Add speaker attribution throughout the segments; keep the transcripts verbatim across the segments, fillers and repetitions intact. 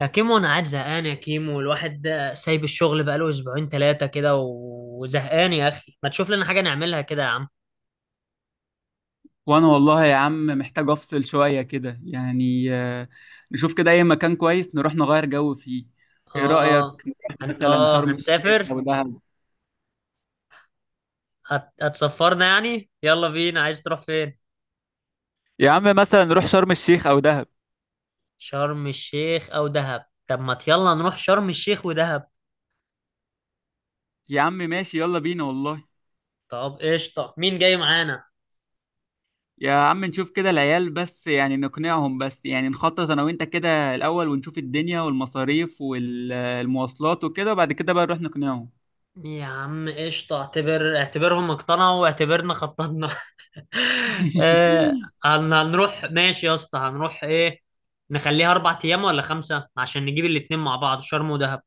Speaker 1: يا كيمو، انا قاعد زهقان يا كيمو، الواحد ده سايب الشغل بقاله اسبوعين ثلاثه كده و- وزهقان يا اخي، ما تشوف لنا حاجه نعملها كده يا عم؟
Speaker 2: وانا والله يا عم محتاج افصل شوية كده يعني آه، نشوف كده اي مكان كويس نروح نغير جو فيه. ايه
Speaker 1: اه.
Speaker 2: رأيك نروح
Speaker 1: هن...
Speaker 2: مثلا
Speaker 1: اه
Speaker 2: شرم الشيخ
Speaker 1: هنسافر.
Speaker 2: او دهب؟
Speaker 1: هت... هتسفرنا يعني. يلا بينا، عايز تروح فين؟
Speaker 2: يا عم مثلا نروح شرم الشيخ او دهب.
Speaker 1: شرم الشيخ او دهب. طب ما يلا نروح شرم الشيخ ودهب.
Speaker 2: يا عم ماشي يلا بينا والله.
Speaker 1: طب قشطه، مين جاي معانا؟
Speaker 2: يا عم نشوف كده العيال بس يعني نقنعهم، بس يعني نخطط انا وانت كده الاول ونشوف الدنيا والمصاريف والمواصلات وكده، وبعد كده بقى نروح نقنعهم.
Speaker 1: يا عم قشطه، اعتبر اعتبرهم اقتنعوا واعتبرنا خططنا. آه. هن- هنروح. ماشي يا اسطى، هنروح ايه؟ نخليها اربع ايام ولا خمسه، عشان نجيب الاتنين مع بعض، شرم ودهب.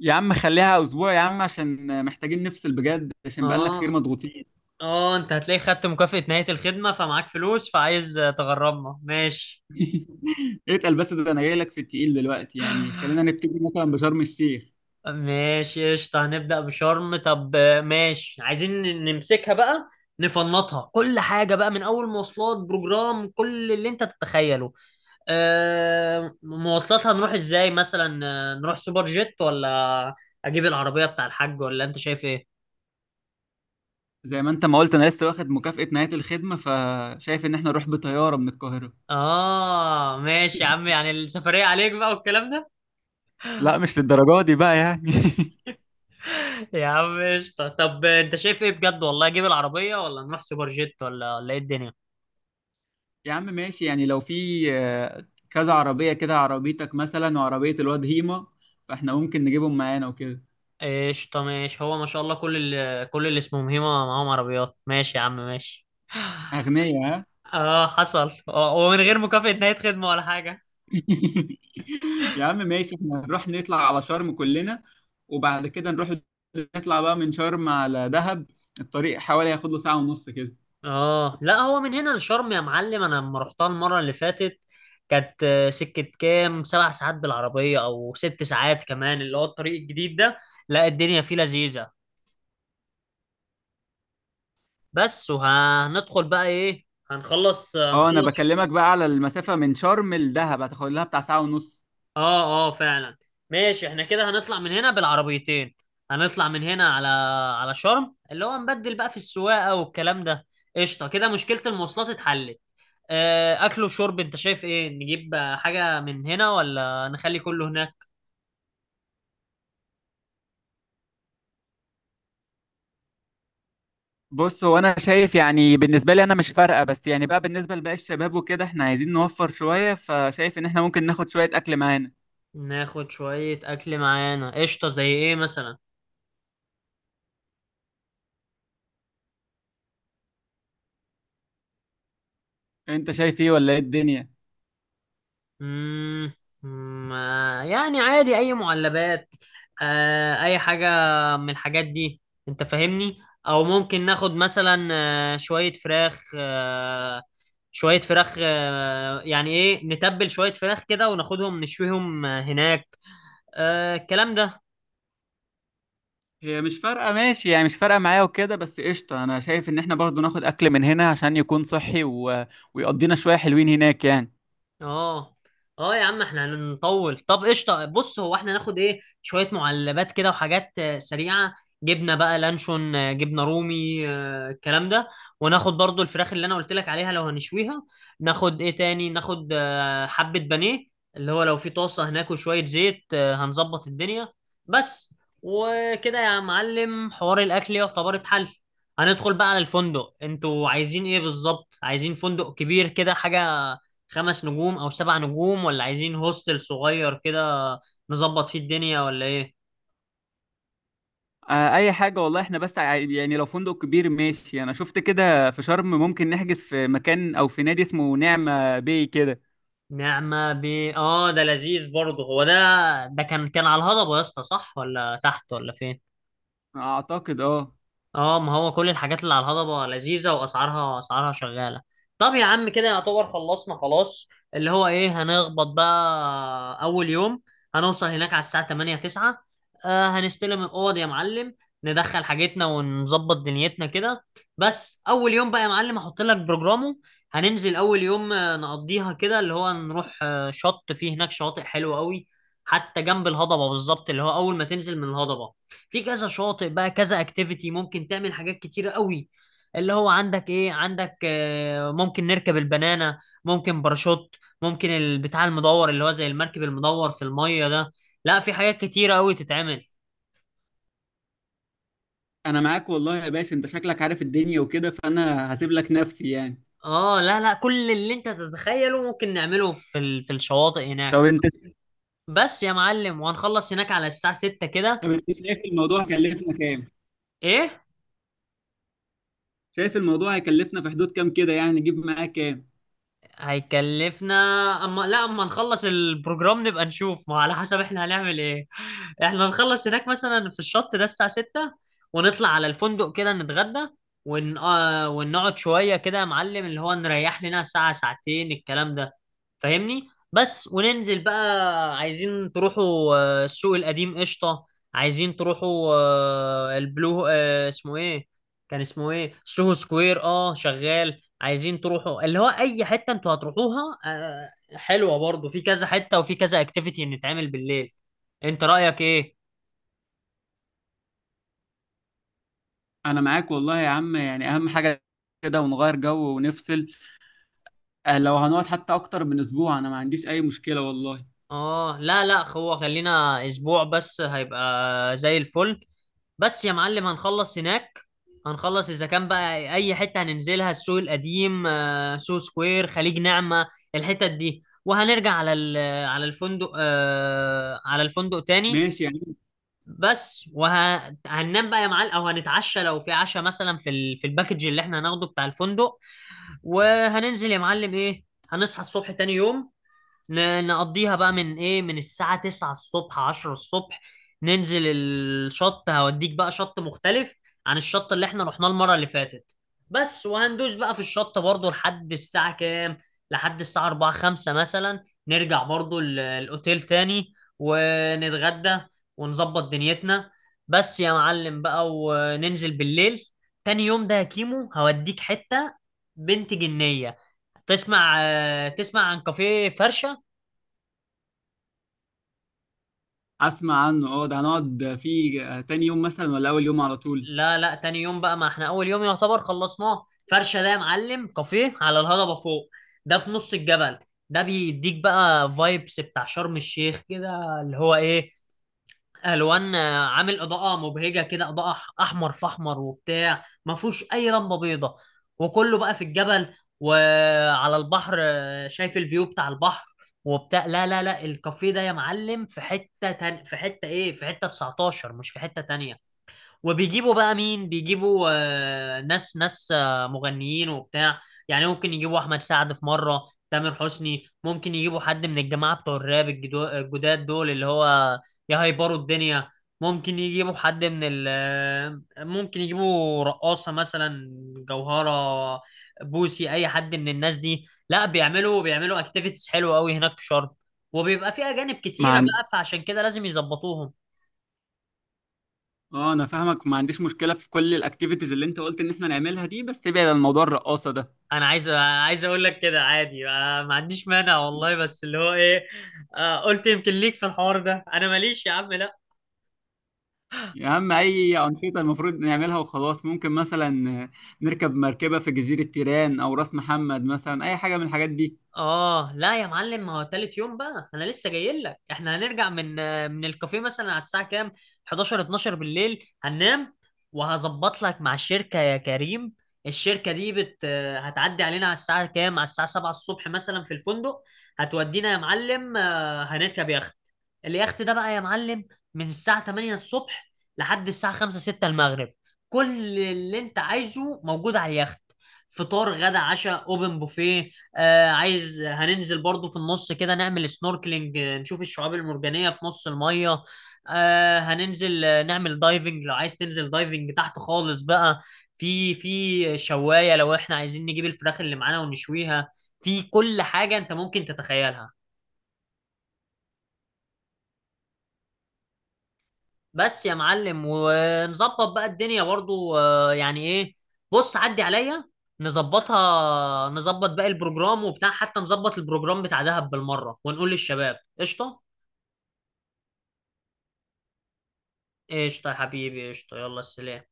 Speaker 2: يا عم خليها اسبوع يا عم، عشان محتاجين نفصل بجد عشان بقالنا كتير
Speaker 1: اه،
Speaker 2: مضغوطين.
Speaker 1: اه، انت هتلاقي خدت مكافأة نهاية الخدمة فمعاك فلوس فعايز آه، تغرمنا. ماشي.
Speaker 2: اتقل بس، ده انا جاي لك في التقيل دلوقتي، يعني خلينا نبتدي مثلا بشرم الشيخ.
Speaker 1: ماشي قشطة. هنبدأ بشرم. طب آه، ماشي. عايزين ن- نمسكها بقى. نفنطها كل حاجة بقى، من أول مواصلات بروجرام، كل اللي أنت تتخيله. آه، مواصلات، هنروح ازاي مثلا؟ آه، نروح سوبر جيت ولا؟ اجيب العربية بتاع الحاج، ولا انت شايف ايه؟
Speaker 2: زي ما انت ما قلت انا لسه واخد مكافأة نهاية الخدمة، فشايف ان احنا نروح بطيارة من القاهرة.
Speaker 1: اه ماشي يا عم، يعني السفرية عليك بقى والكلام ده.
Speaker 2: لا مش للدرجة دي بقى يعني.
Speaker 1: يا عم قشطة. طب انت شايف ايه بجد والله؟ اجيب العربية ولا نروح سوبر جيت ولا ولا ايه الدنيا؟
Speaker 2: يا عم ماشي، يعني لو في آه، كذا عربية كده، عربيتك مثلا وعربية الواد هيما، فاحنا ممكن نجيبهم معانا وكده.
Speaker 1: قشطة ماشي. هو ما شاء الله كل ال... كل اللي اسمهم هيما معاهم عربيات. ماشي يا عم، ماشي.
Speaker 2: أغنياء ها.
Speaker 1: اه حصل. آه، ومن غير مكافأة نهاية خدمة ولا حاجة.
Speaker 2: يا عم ماشي، احنا نروح نطلع على شرم كلنا، وبعد كده نروح نطلع بقى من شرم على دهب. الطريق حوالي هياخد له ساعة ونص كده.
Speaker 1: اه لا، هو من هنا لشرم يا معلم، انا لما رحتها المره اللي فاتت كانت آه، سكه كام، سبع ساعات بالعربيه او ست ساعات، كمان اللي هو الطريق الجديد ده. لا، الدنيا فيه لذيذه. بس، وهندخل بقى ايه؟ هنخلص
Speaker 2: اه انا
Speaker 1: هنخلص.
Speaker 2: بكلمك بقى على المسافة من شرم لدهب، هتاخد لها بتاع ساعة ونص.
Speaker 1: اه، اه، فعلا. ماشي احنا كده هنطلع من هنا بالعربيتين. هنطلع من هنا على على شرم، اللي هو نبدل بقى في السواقه والكلام ده. قشطه، كده مشكله المواصلات اتحلت. آه، اكل وشرب، انت شايف ايه؟ نجيب آه، حاجة من هنا ولا نخلي كله هناك؟
Speaker 2: بص، هو انا شايف يعني بالنسبه لي انا مش فارقه، بس يعني بقى بالنسبه لباقي الشباب وكده احنا عايزين نوفر شويه، فشايف ان احنا ممكن ناخد شويه اكل معانا.
Speaker 1: ناخد شوية اكل معانا قشطة. زي ايه مثلا؟
Speaker 2: انت شايف ايه ولا ايه الدنيا؟
Speaker 1: مم. مم، آه، يعني عادي اي معلبات. آه، اي حاجة من الحاجات دي، انت فاهمني. او ممكن ناخد مثلا آه، شوية فراخ، آه، شوية فراخ آه، يعني ايه، نتبل شوية فراخ كده وناخدهم نشويهم آه، هناك. آه، الكلام ده.
Speaker 2: هي مش فارقة، ماشي يعني، مش فارقة معايا وكده، بس قشطة أنا شايف إن إحنا برضو ناخد أكل من هنا عشان يكون صحي و... ويقضينا شوية حلوين هناك يعني.
Speaker 1: اه، اه، يا عم احنا هنطول. طب قشطه، بص هو احنا ناخد ايه؟ شويه معلبات كده وحاجات آه، سريعه. جبنه بقى، لانشون، آه، جبنه رومي، آه، الكلام ده. وناخد برضو الفراخ اللي انا قلت لك عليها لو هنشويها. ناخد ايه تاني؟ ناخد آه، حبه بانيه، اللي هو لو في طاسه هناك وشويه زيت آه، هنظبط الدنيا. بس وكده يا معلم، حوار الاكل يعتبر اتحل. هندخل بقى على الفندق. انتوا عايزين ايه بالظبط؟ عايزين فندق كبير كده، حاجه خمس نجوم او سبع نجوم، ولا عايزين هوستل صغير كده نظبط فيه الدنيا، ولا ايه؟
Speaker 2: آه أي حاجة والله، إحنا بس ع- يعني لو فندق كبير ماشي، أنا شفت كده في شرم ممكن نحجز في مكان أو في نادي اسمه نعمة باي كده.
Speaker 1: نعمة ب، اه ده لذيذ برضه هو ده. ده كان كان على الهضبة يا اسطى، صح ولا تحت ولا فين؟
Speaker 2: أعتقد أه.
Speaker 1: اه، ما هو كل الحاجات اللي على الهضبة لذيذة واسعارها اسعارها شغالة. طب يا عم، كده يعتبر خلصنا خلاص. اللي هو ايه، هنخبط بقى اول يوم. هنوصل هناك على الساعة تمانية تسعة. آه هنستلم الاوض يا معلم. ندخل حاجتنا ونظبط دنيتنا كده. بس، اول يوم بقى يا معلم، هحط لك بروجرامه. هننزل اول يوم، آه، نقضيها كده. اللي هو نروح آه، شط، فيه هناك شواطئ حلوة قوي، حتى جنب الهضبة بالظبط، اللي هو اول ما تنزل من الهضبة في كذا شاطئ بقى، كذا اكتيفيتي ممكن تعمل حاجات كتيرة قوي. اللي هو، عندك ايه؟ عندك آه، ممكن نركب البنانة، ممكن باراشوت، ممكن البتاع المدور اللي هو زي المركب المدور في المية ده. لا، في حاجات كتيرة قوي تتعمل.
Speaker 2: أنا معاك والله يا باشا، أنت شكلك عارف الدنيا وكده، فأنا هسيب لك نفسي يعني.
Speaker 1: اه، لا، لا، كل اللي انت تتخيله ممكن نعمله في ال... في الشواطئ هناك.
Speaker 2: طب أنت
Speaker 1: بس يا معلم، وهنخلص هناك على الساعة السادسة كده.
Speaker 2: طب أنت شايف الموضوع هيكلفنا كام؟
Speaker 1: ايه
Speaker 2: شايف الموضوع هيكلفنا في حدود كام كده يعني، نجيب معاه كام؟
Speaker 1: هيكلفنا؟ اما لا، اما نخلص البروجرام نبقى نشوف، ما على حسب احنا هنعمل ايه. احنا نخلص هناك مثلا في الشط ده الساعة ستة، ونطلع على الفندق كده نتغدى، ون... آه، ونقعد شوية كده يا معلم، اللي هو نريح لنا ساعة ساعتين الكلام ده. فاهمني. بس، وننزل بقى. عايزين تروحوا آه، السوق القديم، قشطة. عايزين تروحوا آه، البلو، آه، اسمه ايه؟ كان اسمه ايه، سوهو سكوير، اه شغال. عايزين تروحوا اللي هو اي حته انتوا هتروحوها، آه، حلوه برضو. في كذا حته وفي كذا اكتيفيتي نتعمل بالليل. انت رايك ايه؟
Speaker 2: انا معاك والله يا عم، يعني اهم حاجه كده، ونغير جو ونفصل. آه، لو هنقعد حتى اكتر من اسبوع انا ما عنديش اي مشكله والله.
Speaker 1: اه، لا، لا، هو خلينا اسبوع بس هيبقى زي الفل. بس يا معلم، هنخلص هناك. هنخلص اذا كان بقى اي حته هننزلها، السوق القديم، آه، سو سكوير، خليج نعمه، الحتت دي. وهنرجع على ال- على الفندق آه، على الفندق تاني.
Speaker 2: ماشي يعني.
Speaker 1: بس، وهننام بقى يا معلم، او هنتعشى لو في عشاء مثلا في ال... في الباكج اللي احنا هناخده بتاع الفندق. وهننزل يا معلم ايه، هنصحى الصبح تاني يوم. ن- نقضيها بقى من ايه، من الساعة تسعة الصبح عشرة الصبح ننزل الشط. هوديك بقى شط مختلف عن الشط اللي احنا رحناه المرة اللي فاتت. بس وهندوس بقى في الشط برضو لحد الساعة كام، لحد الساعة اربعة خمسة مثلا. نرجع برضو ال- الاوتيل تاني ونتغدى ونظبط دنيتنا. بس يا معلم بقى، وننزل بالليل. تاني يوم ده يا كيمو، هوديك حتة بنت جنية. تسمع تسمع عن كافيه فرشة؟
Speaker 2: اسمع عنه، اه ده هنقعد فيه آه، تاني يوم مثلا ولا اول يوم على طول؟
Speaker 1: لا، لا، تاني يوم بقى، ما احنا اول يوم يعتبر خلصناه. فرشه ده يا معلم، كافيه على الهضبه فوق. ده في نص الجبل. ده بيديك بقى فايبس بتاع شرم الشيخ كده، اللي هو ايه، الوان، آه، عامل اضاءه مبهجه كده، اضاءه أح- احمر في احمر وبتاع، ما فيهوش اي لمبه بيضه. وكله بقى في الجبل وعلى البحر. آه، شايف الفيو بتاع البحر وبتاع. لا، لا، لا، الكافيه ده يا معلم في حته تان... في حته ايه في حته تسعتاشر، مش في حته تانية. وبيجيبوا بقى، مين بيجيبوا؟ آه، ناس، ناس، آه، مغنيين وبتاع. يعني ممكن يجيبوا احمد سعد في مره، تامر حسني، ممكن يجيبوا حد من الجماعه بتوع الراب الجدو- الجداد دول، اللي هو يهيبروا الدنيا. ممكن يجيبوا حد من ال آه، ممكن يجيبوا رقاصه مثلا، جوهره، بوسي، اي حد من الناس دي. لا، بيعملوا بيعملوا اكتيفيتيز حلوه قوي هناك في شرم. وبيبقى في اجانب
Speaker 2: ما
Speaker 1: كتيره
Speaker 2: عن...
Speaker 1: بقى، فعشان كده لازم يظبطوهم.
Speaker 2: اه انا فاهمك، ما عنديش مشكله في كل الاكتيفيتيز اللي انت قلت ان احنا نعملها دي، بس تبعد عن موضوع الرقاصه ده.
Speaker 1: انا عايز عايز اقول لك كده عادي، آه، ما عنديش مانع والله، بس اللي هو ايه، آه، قلت يمكن ليك في الحوار ده انا ماليش يا عم، لا.
Speaker 2: يا عم اي انشطه المفروض نعملها وخلاص، ممكن مثلا آه، نركب مركبه في جزيره تيران او راس محمد، مثلا اي حاجه من الحاجات دي.
Speaker 1: اه، لا يا معلم، ما هو تالت يوم بقى انا لسه جاي لك. احنا هنرجع من من الكافيه مثلا على الساعه كام، حداشر اتناشر بالليل، هننام. وهظبط لك مع الشركه يا كريم. الشركه دي بت، هتعدي علينا على الساعه كام، على الساعه سبعة الصبح مثلا في الفندق. هتودينا يا معلم، آه، هنركب يخت. اليخت ده بقى يا معلم، من الساعه تمانية الصبح لحد الساعه خمسة ستة المغرب. كل اللي انت عايزه موجود على اليخت، فطار غدا عشاء اوبن بوفيه. آه عايز هننزل برضو في النص كده، نعمل سنوركلينج، آه، نشوف الشعاب المرجانية في نص المية. آه هننزل آه، نعمل دايفنج، لو عايز تنزل دايفنج تحت خالص بقى، في في شواية لو احنا عايزين نجيب الفراخ اللي معانا ونشويها. في كل حاجة انت ممكن تتخيلها. بس يا معلم، ونظبط بقى الدنيا برضو، آه، يعني ايه، بص عدي عليا. نظبطها نظبط باقي البروجرام وبتاع، حتى نظبط البروجرام بتاع دهب بالمرة، ونقول للشباب قشطة. قشطة يا حبيبي، قشطة، يلا سلام.